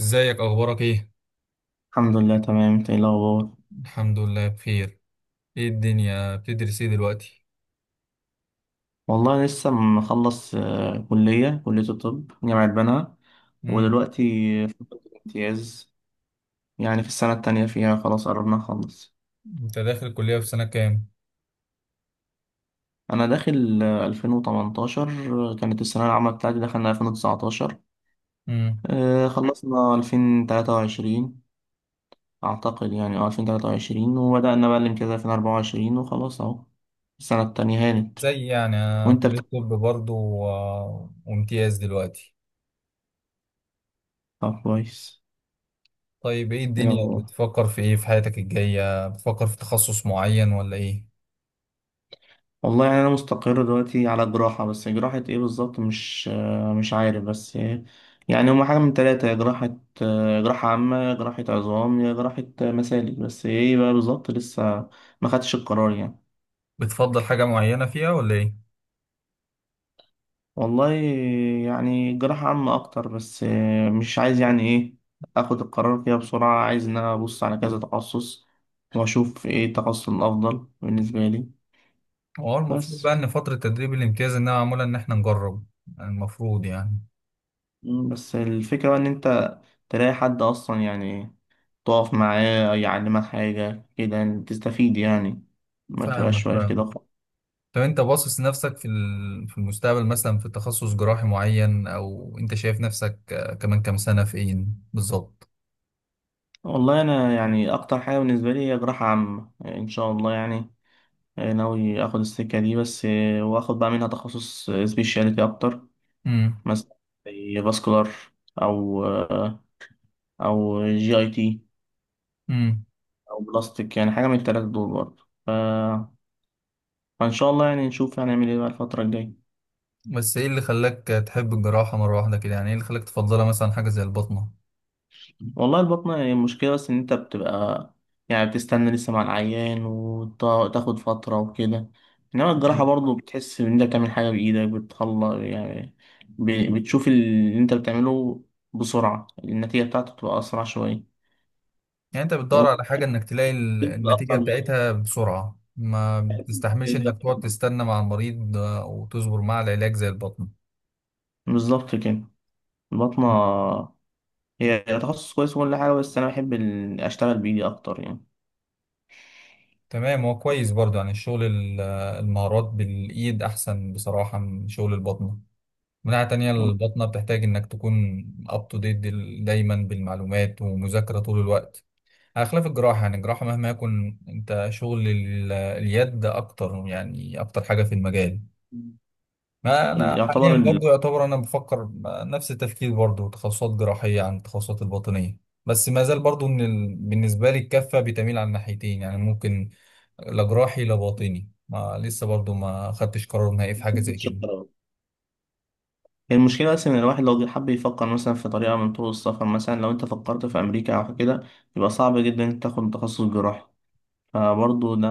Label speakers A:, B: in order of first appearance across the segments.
A: ازيك؟ اخبارك ايه؟
B: الحمد لله تمام، انت ايه الاخبار؟
A: الحمد لله بخير. ايه الدنيا، بتدرس ايه دلوقتي؟
B: والله لسه مخلص، كليه الطب، جامعه بنها.
A: امم.
B: ودلوقتي في امتياز، يعني في السنه التانية فيها، خلاص قربنا نخلص.
A: انت داخل الكليه في سنه كام؟
B: انا داخل 2018. كانت الثانويه العامه بتاعتي، دخلنا 2019.
A: امم.
B: خلصنا 2023. اعتقد يعني 2023، وبدانا بقى الامتياز 2024 وخلاص اهو. السنه التانية هانت.
A: زي يعني أنا
B: وانت
A: كليه طب برضه و- وامتياز دلوقتي.
B: بتاع كويس،
A: طيب ايه
B: ايه
A: الدنيا
B: الاخبار؟
A: بتفكر في ايه، في حياتك الجايه بتفكر في تخصص معين ولا ايه؟
B: والله يعني انا مستقر دلوقتي على جراحة، بس جراحة ايه بالظبط، مش عارف، بس يعني هما حاجة من تلاتة. يا جراحة جراحة عامة، يا جراحة عظام، يا جراحة مسالك. بس ايه بقى بالظبط، لسه ما خدتش القرار يعني.
A: بتفضل حاجه معينه فيها ولا ايه؟
B: والله يعني جراحة عامة اكتر، بس مش عايز يعني ايه، اخد القرار فيها بسرعة. عايز ان انا ابص على كذا تخصص واشوف ايه التخصص الافضل بالنسبة لي.
A: هو المفروض بقى
B: بس
A: ان فتره تدريب الامتياز انها معموله ان احنا نجرب، المفروض يعني.
B: بس الفكرة بقى ان انت تلاقي حد أصلا، يعني تقف معاه يعلمك حاجة كده، يعني تستفيد يعني، ما
A: فاهمك
B: تبقاش واقف كده
A: فاهمك
B: خالص.
A: طب انت باصص نفسك في في المستقبل مثلا في تخصص جراحي معين، او انت شايف نفسك كمان كام سنة فين بالظبط؟
B: والله أنا يعني أكتر حاجة بالنسبة لي هي جراحة عامة، يعني إن شاء الله يعني، ناوي آخد السكة دي، بس وآخد بقى منها تخصص سبيشاليتي أكتر.
A: امم.
B: مثلا زي فاسكولار، أو آه، أو جي أي تي،
A: امم.
B: أو بلاستيك. يعني حاجة من التلاتة دول برضه. فإن شاء الله يعني نشوف هنعمل إيه بقى الفترة الجاية.
A: بس ايه اللي خلاك تحب الجراحة مرة واحدة كده؟ يعني ايه اللي خلاك تفضلها، مثلا حاجة زي البطنة؟
B: والله البطنة هي المشكلة، بس إن أنت بتبقى يعني بتستنى لسه مع العيان، وتاخد فترة وكده. إنما الجراحة
A: مم.
B: برضه بتحس إن أنت بتعمل حاجة بإيدك، بتخلص يعني. بتشوف اللي أنت بتعمله بسرعة، النتيجة بتاعته بتبقى أسرع شوية.
A: يعني انت بتدور على
B: وممكن
A: حاجة انك تلاقي
B: تبقى
A: النتيجة
B: أكتر من
A: بتاعتها بسرعة، ما بتستحملش
B: الجلد،
A: انك تقعد تستنى مع المريض وتصبر مع العلاج زي البطنة؟
B: بالظبط كده. البطنة
A: مم.
B: هي تخصص كويس وكل حاجة، بس أنا بحب أشتغل بإيدي أكتر يعني.
A: تمام، هو كويس برضه، يعني الشغل المهارات بالايد احسن بصراحة من شغل البطنة. من ناحية تانية البطنة بتحتاج إنك تكون up to date، دايما بالمعلومات ومذاكرة طول الوقت، على خلاف الجراحة. يعني الجراحة مهما يكون أنت شغل اليد أكتر، يعني أكتر حاجة في المجال. ما أنا
B: يعتبر.
A: حاليا برضو يعتبر أنا بفكر نفس التفكير برضو، تخصصات جراحية عن التخصصات الباطنية. بس ما زال برضو إن ال... بالنسبة لي الكفة بتميل على الناحيتين، يعني ممكن لا جراحي لا باطني، ما لسه برضو ما خدتش قرار نهائي في حاجة زي كده.
B: ال المشكلة بس إن الواحد لو جه حب يفكر مثلا في طريقة من طرق السفر، مثلا لو أنت فكرت في أمريكا أو كده، يبقى صعب جدا إنك تاخد تخصص جراحي. فبرضه ده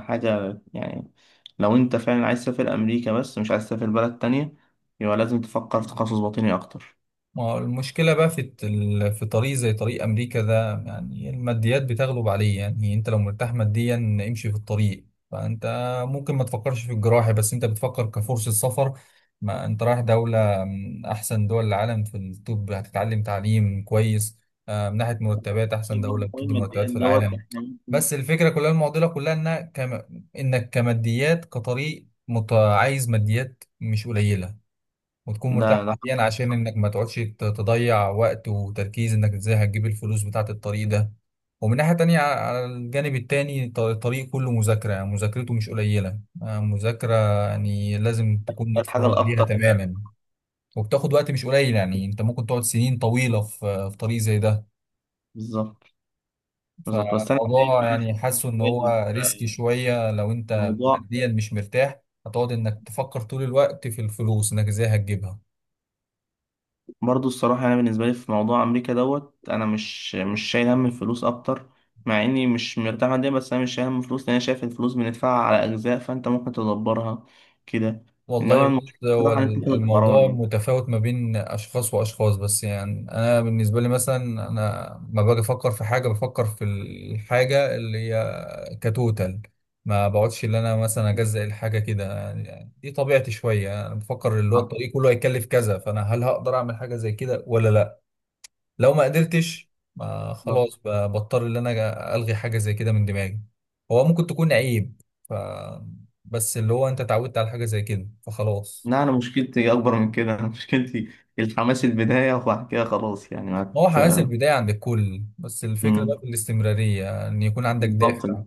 B: حاجة يعني. لو أنت فعلا عايز تسافر أمريكا، بس مش عايز تسافر بلد تانية، يبقى لازم تفكر في تخصص باطني أكتر.
A: ما هو المشكلة بقى في طريق زي طريق أمريكا ده، يعني الماديات بتغلب عليه. يعني أنت لو مرتاح ماديا امشي في الطريق، فأنت ممكن ما تفكرش في الجراحة، بس أنت بتفكر كفرصة سفر. ما أنت رايح دولة من أحسن دول العالم في الطب، هتتعلم تعليم كويس، من ناحية مرتبات أحسن
B: شايف
A: دولة
B: برضه حوار
A: بتدي مرتبات
B: الماديات
A: في العالم.
B: إحنا ممكن.
A: بس الفكرة كلها، المعضلة كلها إنك كم، إنك كماديات كطريق عايز ماديات مش قليلة، وتكون
B: ده
A: مرتاح
B: ده
A: نفسيا عشان
B: صح.
A: انك ما تقعدش تضيع وقت وتركيز انك ازاي هتجيب الفلوس بتاعة الطريق ده. ومن ناحية تانية على الجانب التاني الطريق كله مذاكرة، يعني مذاكرته مش قليلة، مذاكرة يعني لازم تكون
B: ده الحاجة
A: متفرغ ليها
B: الأكتر فعلا.
A: تماما. وبتاخد وقت مش قليل، يعني انت ممكن تقعد سنين طويلة في طريق زي ده.
B: بالظبط بالظبط. بس أنا شايف
A: فالموضوع
B: إن
A: يعني
B: إحنا
A: حاسه ان هو ريسك
B: في
A: شوية، لو انت
B: الموضوع
A: ماديا مش مرتاح هتقعد انك تفكر طول الوقت في الفلوس انك ازاي هتجيبها.
B: برضه الصراحة. أنا بالنسبة لي في موضوع أمريكا، أنا مش شايل هم الفلوس أكتر. مع إني مش مرتاح ماديا، بس أنا مش شايل هم الفلوس، لأن أنا شايف الفلوس بندفعها على أجزاء، فأنت ممكن تدبرها كده.
A: والله
B: إنما
A: بص،
B: المشكلة
A: هو
B: الصراحة إن أنت تاخد قرار
A: الموضوع
B: يعني.
A: متفاوت ما بين أشخاص وأشخاص، بس يعني أنا بالنسبة لي مثلا أنا ما باجي أفكر في حاجة، بفكر في الحاجة اللي هي كتوتال. ما بقعدش اللي أنا مثلا أجزأ الحاجة كده، يعني دي طبيعتي شوية، أنا بفكر اللي هو الطريق كله هيكلف كذا، فأنا هل هقدر أعمل حاجة زي كده ولا لأ؟ لو ما قدرتش ما خلاص، بضطر إن أنا ألغي حاجة زي كده من دماغي. هو ممكن تكون عيب، ف بس اللي هو انت اتعودت على حاجة زي كده فخلاص.
B: لا أنا مشكلتي أكبر من كده أنا مشكلتي الحماس البداية، وبعد كده خلاص يعني
A: هو حماس البداية عند الكل، بس الفكرة بقى
B: مم.
A: في الاستمرارية، إن يكون عندك
B: بالظبط.
A: دافع.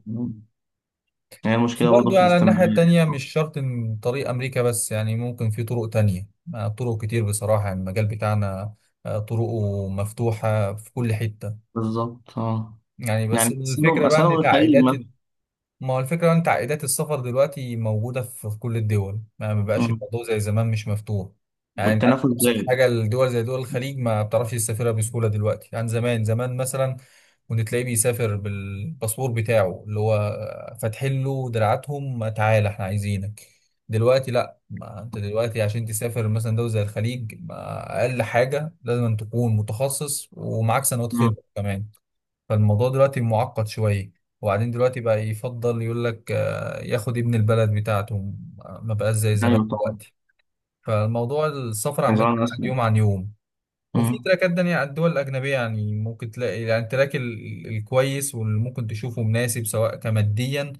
B: هي
A: بس
B: المشكلة برضه
A: برضو
B: في
A: على الناحية
B: الاستمرارية دي.
A: التانية مش شرط إن طريق أمريكا بس، يعني ممكن في طرق تانية، طرق كتير بصراحة، يعني المجال بتاعنا طرقه مفتوحة في كل حتة.
B: بالظبط.
A: يعني بس
B: يعني أسألهم
A: الفكرة بقى
B: أسألهم
A: إن
B: الخليج
A: تعقيدات ال-،
B: مثلا.
A: ما هو الفكرة بقى إن تعقيدات السفر دلوقتي موجودة في كل الدول، ما بقاش
B: مم.
A: الموضوع زي زمان مش مفتوح. يعني أنت عندك
B: والتنافس
A: أبسط
B: زايد.
A: حاجة، الدول زي دول الخليج ما بتعرفش تسافرها بسهولة دلوقتي عن زمان. زمان مثلا وان تلاقيه بيسافر بالباسبور بتاعه، اللي هو فاتحين له دراعاتهم تعالى احنا عايزينك. دلوقتي لا، ما انت دلوقتي عشان تسافر مثلا دولة زي الخليج، ما اقل حاجة لازم أن تكون متخصص ومعاك سنوات خبرة كمان. فالموضوع دلوقتي معقد شوية. وبعدين دلوقتي بقى يفضل يقول لك ياخد ابن البلد بتاعته، ما بقاش زي زمان
B: ايوه طبعا.
A: دلوقتي. فالموضوع السفر
B: كان
A: عمال
B: زمان
A: يتعقد
B: اسمع.
A: يوم عن يوم. وفي
B: مم.
A: تراكات تانية على الدول الأجنبية، يعني ممكن تلاقي يعني التراك الكويس واللي ممكن تشوفه مناسب، سواء كماديا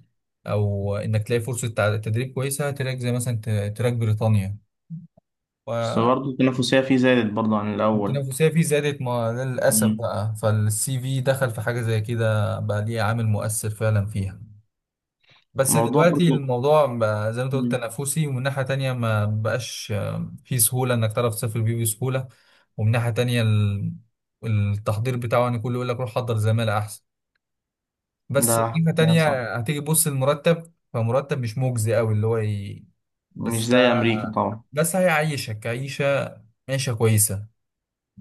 A: أو إنك تلاقي فرصة تدريب كويسة، تراك زي مثلا تراك بريطانيا
B: بس
A: و-
B: برضه التنافسية فيه زادت برضه عن الأول.
A: والتنافسية فيه زادت، ما للأسف
B: مم.
A: بقى، فالسي في دخل في حاجة زي كده بقى ليه عامل مؤثر فعلا فيها. بس
B: موضوع
A: دلوقتي
B: برضه.
A: الموضوع بقى زي ما أنت قلت
B: مم.
A: تنافسي، ومن ناحية تانية ما بقاش فيه سهولة إنك تعرف تسافر بيه بسهولة. ومن ناحية تانية التحضير بتاعه يعني كله يقول لك روح حضر زمالة أحسن. بس من
B: ده
A: ناحية
B: حقيقة صح.
A: تانية هتيجي تبص المرتب فمرتب مش مجزي أوي، اللي هو ي...
B: مش
A: بس
B: زي أمريكا طبعا.
A: بس هيعيشك عيشة، كويسة،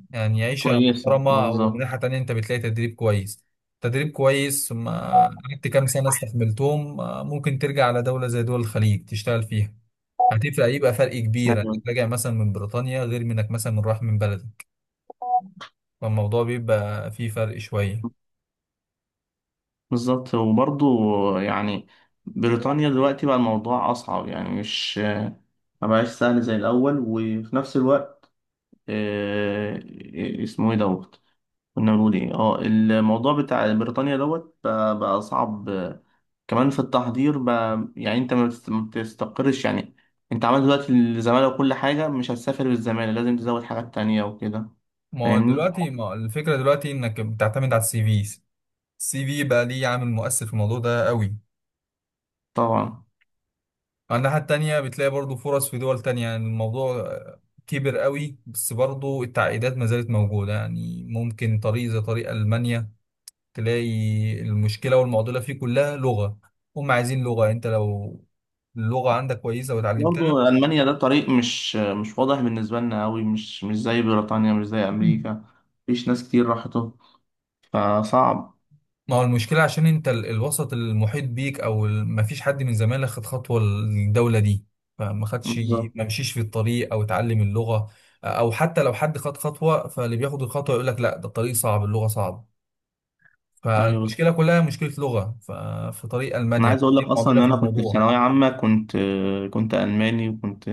A: يعني عيشة
B: كويسة
A: محترمة. ومن
B: بالظبط.
A: ناحية تانية أنت بتلاقي تدريب كويس، ثم قعدت كام سنة استحملتهم، ممكن ترجع على دولة زي دول الخليج تشتغل فيها، هتفرق، يبقى فرق كبير انك
B: أيوة
A: راجع مثلا من بريطانيا غير منك مثلا من راح من بلدك. فالموضوع بيبقى فيه فرق شوية.
B: بالظبط. وبرضه يعني بريطانيا دلوقتي بقى الموضوع أصعب، يعني مش، ما بقاش سهل زي الأول. وفي نفس الوقت آه، إيه، اسمه إيه دوت كنا بنقول إيه، الموضوع بتاع بريطانيا بقى صعب كمان في التحضير يعني انت ما بتستقرش يعني. انت عملت دلوقتي الزمالة وكل حاجة، مش هتسافر بالزمالة، لازم تزود حاجات تانية وكده،
A: ما هو
B: فاهمني
A: دلوقتي، ما هو الفكرة دلوقتي انك بتعتمد على السي في. السي في بقى ليه عامل مؤثر في الموضوع ده قوي.
B: طبعا.
A: على الناحية التانية بتلاقي برضو فرص في دول تانية، يعني الموضوع كبر قوي. بس برضو التعقيدات ما زالت موجودة، يعني ممكن طريق زي طريق ألمانيا تلاقي المشكلة والمعضلة فيه كلها لغة، هم عايزين لغة. انت لو اللغة عندك كويسة وتعلمتها،
B: برضه ألمانيا ده طريق مش واضح بالنسبة لنا أوي، مش زي بريطانيا، مش زي أمريكا. مفيش ناس كتير راحته، فصعب.
A: ما هو المشكلة عشان انت الوسط المحيط بيك او ما فيش حد من زمايلك خد خطوة الدولة دي، فما خدش،
B: بالظبط.
A: ما مشيش في الطريق او اتعلم اللغة. او حتى لو حد خد خطوة، فاللي بياخد الخطوة يقول لك لا، ده الطريق صعب، اللغة صعب.
B: أيوه بالظبط.
A: فالمشكلة كلها مشكلة لغة في طريق
B: أنا
A: ألمانيا،
B: عايز أقول لك
A: فدي
B: أصلا
A: معضلة
B: إن
A: في
B: أنا كنت في
A: الموضوع.
B: ثانوية عامة، كنت كنت ألماني، وكنت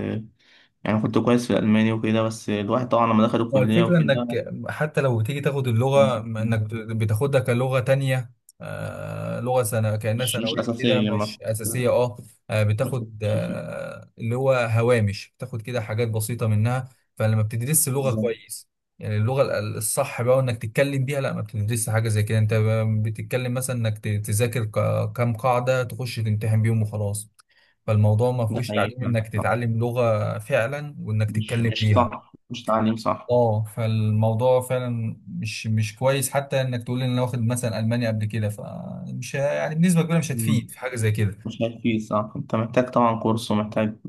B: يعني كنت كويس في الألماني وكده. بس الواحد طبعا لما دخل
A: هو
B: الكلية
A: الفكرة انك
B: وكده
A: حتى لو تيجي تاخد اللغة، انك بتاخدها كلغة تانية، آه لغة سنة كأنها
B: مش
A: ثانوية كده
B: أساسية،
A: مش أساسية، اه
B: ما
A: بتاخد
B: تركزش فيه.
A: آه اللي هو هوامش، بتاخد كده حاجات بسيطة منها. فلما بتدرس اللغة
B: بالظبط.
A: كويس، يعني اللغة الصح بقى، وانك تتكلم بيها، لا ما بتدرسش حاجة زي كده. انت بتتكلم مثلا انك تذاكر كام قاعدة تخش تمتحن بيهم وخلاص. فالموضوع ما
B: ده
A: فيهوش
B: حقيقي
A: تعليم
B: فعلا.
A: انك
B: صح.
A: تتعلم لغة فعلا وانك
B: مش
A: تتكلم
B: مش
A: بيها.
B: صح، مش تعليم صح.
A: اه فالموضوع فعلا مش كويس، حتى انك تقول ان انا واخد مثلا المانيا قبل كده فمش، يعني بنسبه كبيره مش هتفيد
B: مم.
A: في حاجه زي كده.
B: مش هيفيد صح. أنت محتاج طبعا كورس، ومحتاج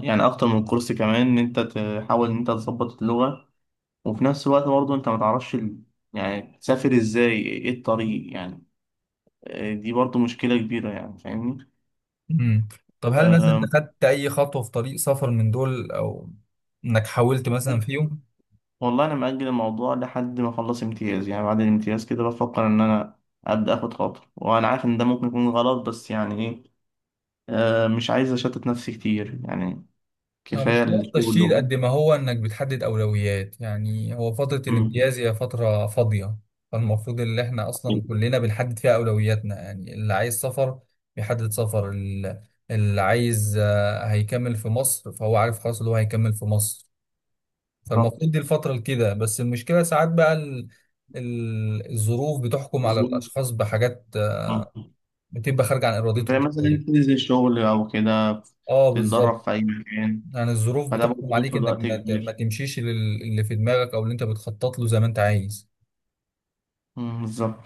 B: يعني أكتر من كورس كمان، إن أنت تحاول إن أنت تظبط اللغة. وفي نفس الوقت برضه أنت ما تعرفش يعني تسافر إزاي، إيه الطريق يعني. دي برضه مشكلة كبيرة، يعني فاهمني؟
A: امم. طب هل مثلا انت خدت اي خطوه في طريق سفر من دول، او انك حاولت مثلا فيهم؟
B: والله انا مأجل الموضوع لحد ما اخلص امتياز، يعني بعد الامتياز كده بفكر ان انا ابدا اخد خطوه. وانا عارف ان ده ممكن يكون غلط، بس يعني ايه، مش عايز اشتت نفسي كتير يعني، كفايه
A: مش حوار
B: الشغل
A: تشديد قد ما هو انك بتحدد اولويات. يعني هو فترة
B: مم.
A: الامتياز هي فترة فاضية، فالمفروض ان احنا اصلا كلنا بنحدد فيها اولوياتنا. يعني اللي عايز سفر بيحدد سفر اللي عايز هيكمل في مصر فهو عارف خلاص اللي هو هيكمل في مصر.
B: بالظبط
A: فالمفروض دي الفترة كده. بس المشكلة ساعات بقى الظروف بتحكم على
B: بالظبط.
A: الاشخاص بحاجات،
B: مم.
A: بتبقى خارجة عن ارادتهم
B: زي مثلا انت
A: شوية.
B: تنزل الشغل او كده،
A: اه
B: تتدرب
A: بالظبط.
B: في اي مكان،
A: يعني الظروف
B: فده برضه
A: بتحكم عليك
B: بياخد
A: انك
B: وقت
A: ما
B: كبير.
A: تمشيش اللي في دماغك او اللي انت بتخطط له زي ما انت عايز.
B: مم، بالظبط.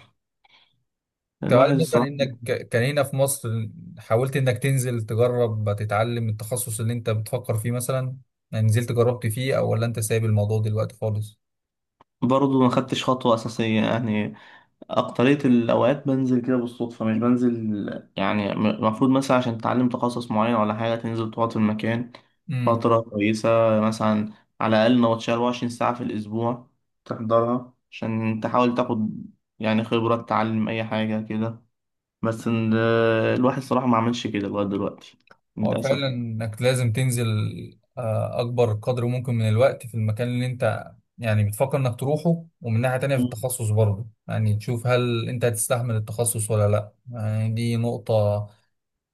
A: تعال
B: الواحد
A: مثلا
B: الصراحه
A: انك كان هنا في مصر، حاولت انك تنزل تجرب تتعلم التخصص اللي انت بتفكر فيه مثلا؟ يعني نزلت جربت فيه، او ولا انت سايب الموضوع دلوقتي خالص؟
B: برضه ما خدتش خطوه اساسيه يعني. أكترية الأوقات بنزل كده بالصدفة، مش بنزل يعني، المفروض مثلا عشان تتعلم تخصص معين ولا حاجة، تنزل تقعد في المكان
A: امم.
B: فترة كويسة. مثلا على الأقل نوتش 24 ساعة في الأسبوع تحضرها، عشان تحاول تاخد يعني خبرة، تتعلم أي حاجة كده. بس الواحد صراحة ما عملش كده لغاية دلوقتي،
A: هو
B: للأسف
A: فعلا
B: يعني.
A: انك لازم تنزل اكبر قدر ممكن من الوقت في المكان اللي انت يعني بتفكر انك تروحه. ومن ناحية تانية في
B: مم.
A: التخصص برضه، يعني تشوف هل انت هتستحمل التخصص ولا لا، يعني دي نقطة،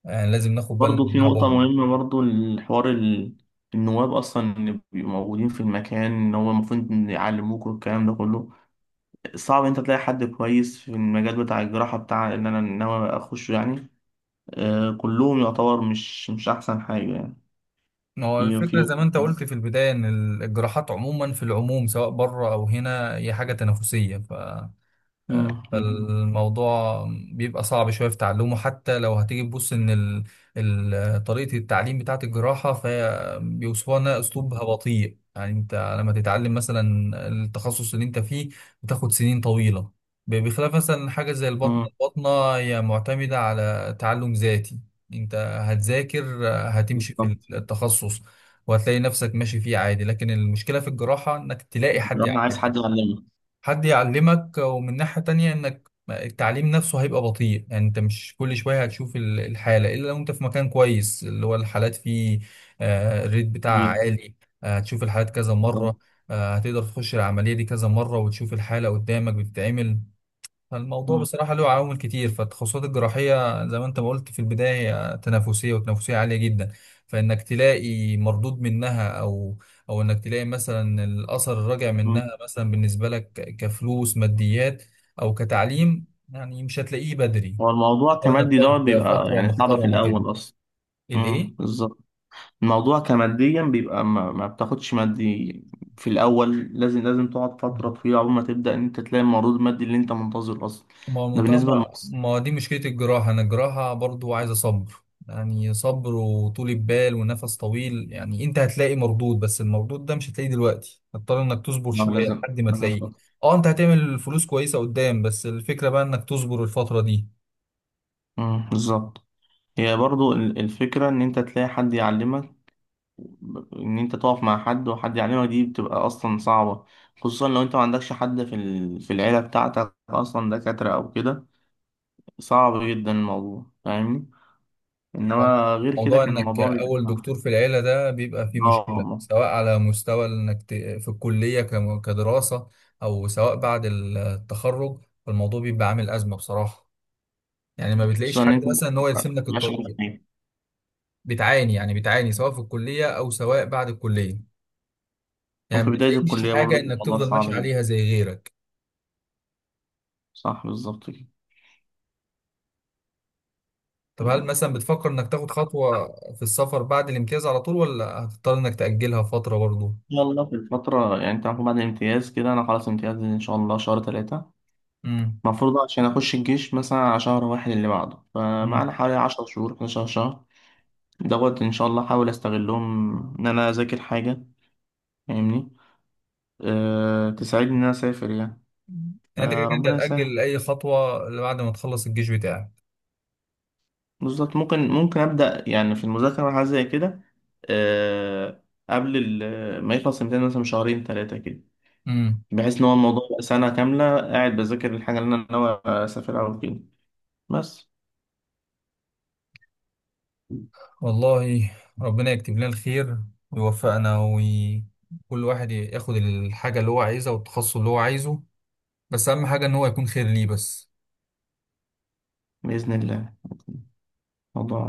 A: يعني لازم ناخد بالنا
B: برضه في
A: منها
B: نقطة
A: برضه.
B: مهمة، برضه الحوار النواب أصلا اللي بيبقوا موجودين في المكان، إن هو المفروض إن يعلموك والكلام ده كله. صعب انت تلاقي حد كويس في المجال بتاع الجراحة، بتاع اللي انا ناوي اخشه يعني. آه كلهم يعتبر مش احسن حاجة يعني.
A: ما هو
B: في
A: الفكرة
B: في
A: زي ما انت قلت في البداية ان الجراحات عموما، في العموم سواء بره او هنا، هي حاجة تنافسية.
B: مم.
A: فالموضوع بيبقى صعب شوية في تعلمه، حتى لو هتيجي تبص إن ال... ال... طريقة التعليم بتاعة الجراحة فهي بيوصفوها إنها أسلوبها بطيء. يعني أنت لما تتعلم مثلا التخصص اللي أنت فيه بتاخد سنين طويلة، بخلاف مثلا حاجة زي البطنة.
B: مم.
A: البطنة هي معتمدة على تعلم ذاتي، أنت هتذاكر هتمشي في
B: بالظبط.
A: التخصص، وهتلاقي نفسك ماشي فيه عادي. لكن المشكلة في الجراحة إنك تلاقي حد
B: الجراحة
A: يعلمك،
B: عايز حد يعلمك.
A: ومن ناحية تانية انك التعليم نفسه هيبقى بطيء. يعني انت مش كل شوية هتشوف الحالة، الا لو انت في مكان كويس اللي هو الحالات فيه الريت بتاعها
B: كبير.
A: عالي. هتشوف الحالات كذا
B: بالظبط.
A: مرة، هتقدر تخش العملية دي كذا مرة وتشوف الحالة قدامك بتتعمل. الموضوع
B: مم.
A: بصراحة له عوامل كتير، فالتخصصات الجراحية زي ما انت ما قلت في البداية هي تنافسية، وتنافسية عالية جدا. فإنك تلاقي مردود منها، أو أو إنك تلاقي مثلا الأثر الراجع
B: مم.
A: منها مثلا بالنسبة لك، كفلوس ماديات أو كتعليم، يعني مش هتلاقيه بدري.
B: هو الموضوع
A: طبعا إنك
B: كمادي،
A: تقعد
B: بيبقى
A: فترة
B: يعني صعب في
A: محترمة كده
B: الاول اصلا. مم.
A: الإيه؟
B: بالظبط. الموضوع كماديا بيبقى ما بتاخدش مادي في الاول. لازم تقعد فترة طويلة عقبال ما تبدأ ان انت تلاقي المردود المادي اللي انت منتظره اصلا.
A: ما هو
B: ده
A: المنطقة،
B: بالنسبة
A: ما
B: للمصري.
A: ما هو دي مشكلة الجراحة. أنا الجراحة برضو عايزة صبر، يعني صبر وطولة بال ونفس طويل. يعني أنت هتلاقي مردود، بس المردود ده مش هتلاقيه دلوقتي، هتضطر إنك تصبر
B: اه
A: شوية
B: لازم
A: لحد ما
B: لازم
A: تلاقيه.
B: فترة.
A: أه أنت هتعمل فلوس كويسة قدام، بس الفكرة بقى إنك تصبر الفترة دي.
B: بالظبط. هي برضو الفكرة إن أنت تلاقي حد يعلمك، إن أنت تقف مع حد، وحد يعلمك، دي بتبقى أصلا صعبة. خصوصا لو أنت ما عندكش حد في في العيلة بتاعتك أصلا دكاترة أو كده. صعب جدا الموضوع، فاهمني. إنما غير كده
A: موضوع
B: كان
A: إنك
B: الموضوع
A: أول دكتور
B: بيبقى
A: في العيلة ده بيبقى فيه
B: آه
A: مشكلة،
B: والله.
A: سواء على مستوى إنك في الكلية، كدراسة أو سواء بعد التخرج. فالموضوع بيبقى عامل أزمة بصراحة، يعني ما بتلاقيش
B: خصوصا إن
A: حد
B: أنت
A: مثلا ان هو يرسم لك
B: مش عارف
A: الطريق.
B: إيه.
A: بتعاني، يعني بتعاني سواء في الكلية او سواء بعد الكلية، يعني ما
B: وفي بداية
A: بتلاقيش
B: الكلية برضو
A: حاجة
B: كان
A: انك
B: الموضوع
A: تفضل ماشي
B: صعب جدا.
A: عليها زي غيرك.
B: صح بالظبط كده.
A: طب هل
B: مم.
A: مثلا بتفكر انك تاخد خطوة في السفر بعد الامتياز على طول، ولا هتضطر انك تأجلها فترة برضه؟
B: إن شاء الله في الفترة يعني، أنت المفروض بعد الامتياز كده، أنا خلاص امتياز إن شاء الله شهر 3.
A: امم.
B: المفروض عشان أخش الجيش مثلا على شهر 1 اللي بعده،
A: امم.
B: فمعنا حوالي 10 شهور، 11 شهر، إن شاء الله أحاول أستغلهم، إن أنا أذاكر حاجة، فاهمني. تساعدني إن أنا أسافر يعني،
A: يعني انت كده كده انت
B: فربنا يسهل.
A: هتأجل اي خطوة اللي بعد ما تخلص الجيش بتاعك.
B: بالظبط. ممكن أبدأ يعني في المذاكرة وحاجة زي كده. أه قبل ما يخلص الامتحان مثلا بشهرين ثلاثة كده،
A: امم.
B: بحيث إن هو الموضوع يبقى سنة كاملة قاعد بذاكر الحاجة اللي أنا ناوي أسافر أو كده. بس
A: والله ربنا يكتب لنا الخير ويوفقنا، وكل واحد ياخد الحاجة اللي هو عايزها والتخصص اللي هو عايزه، بس اهم حاجه ان هو يكون خير ليه بس.
B: بإذن الله موضوع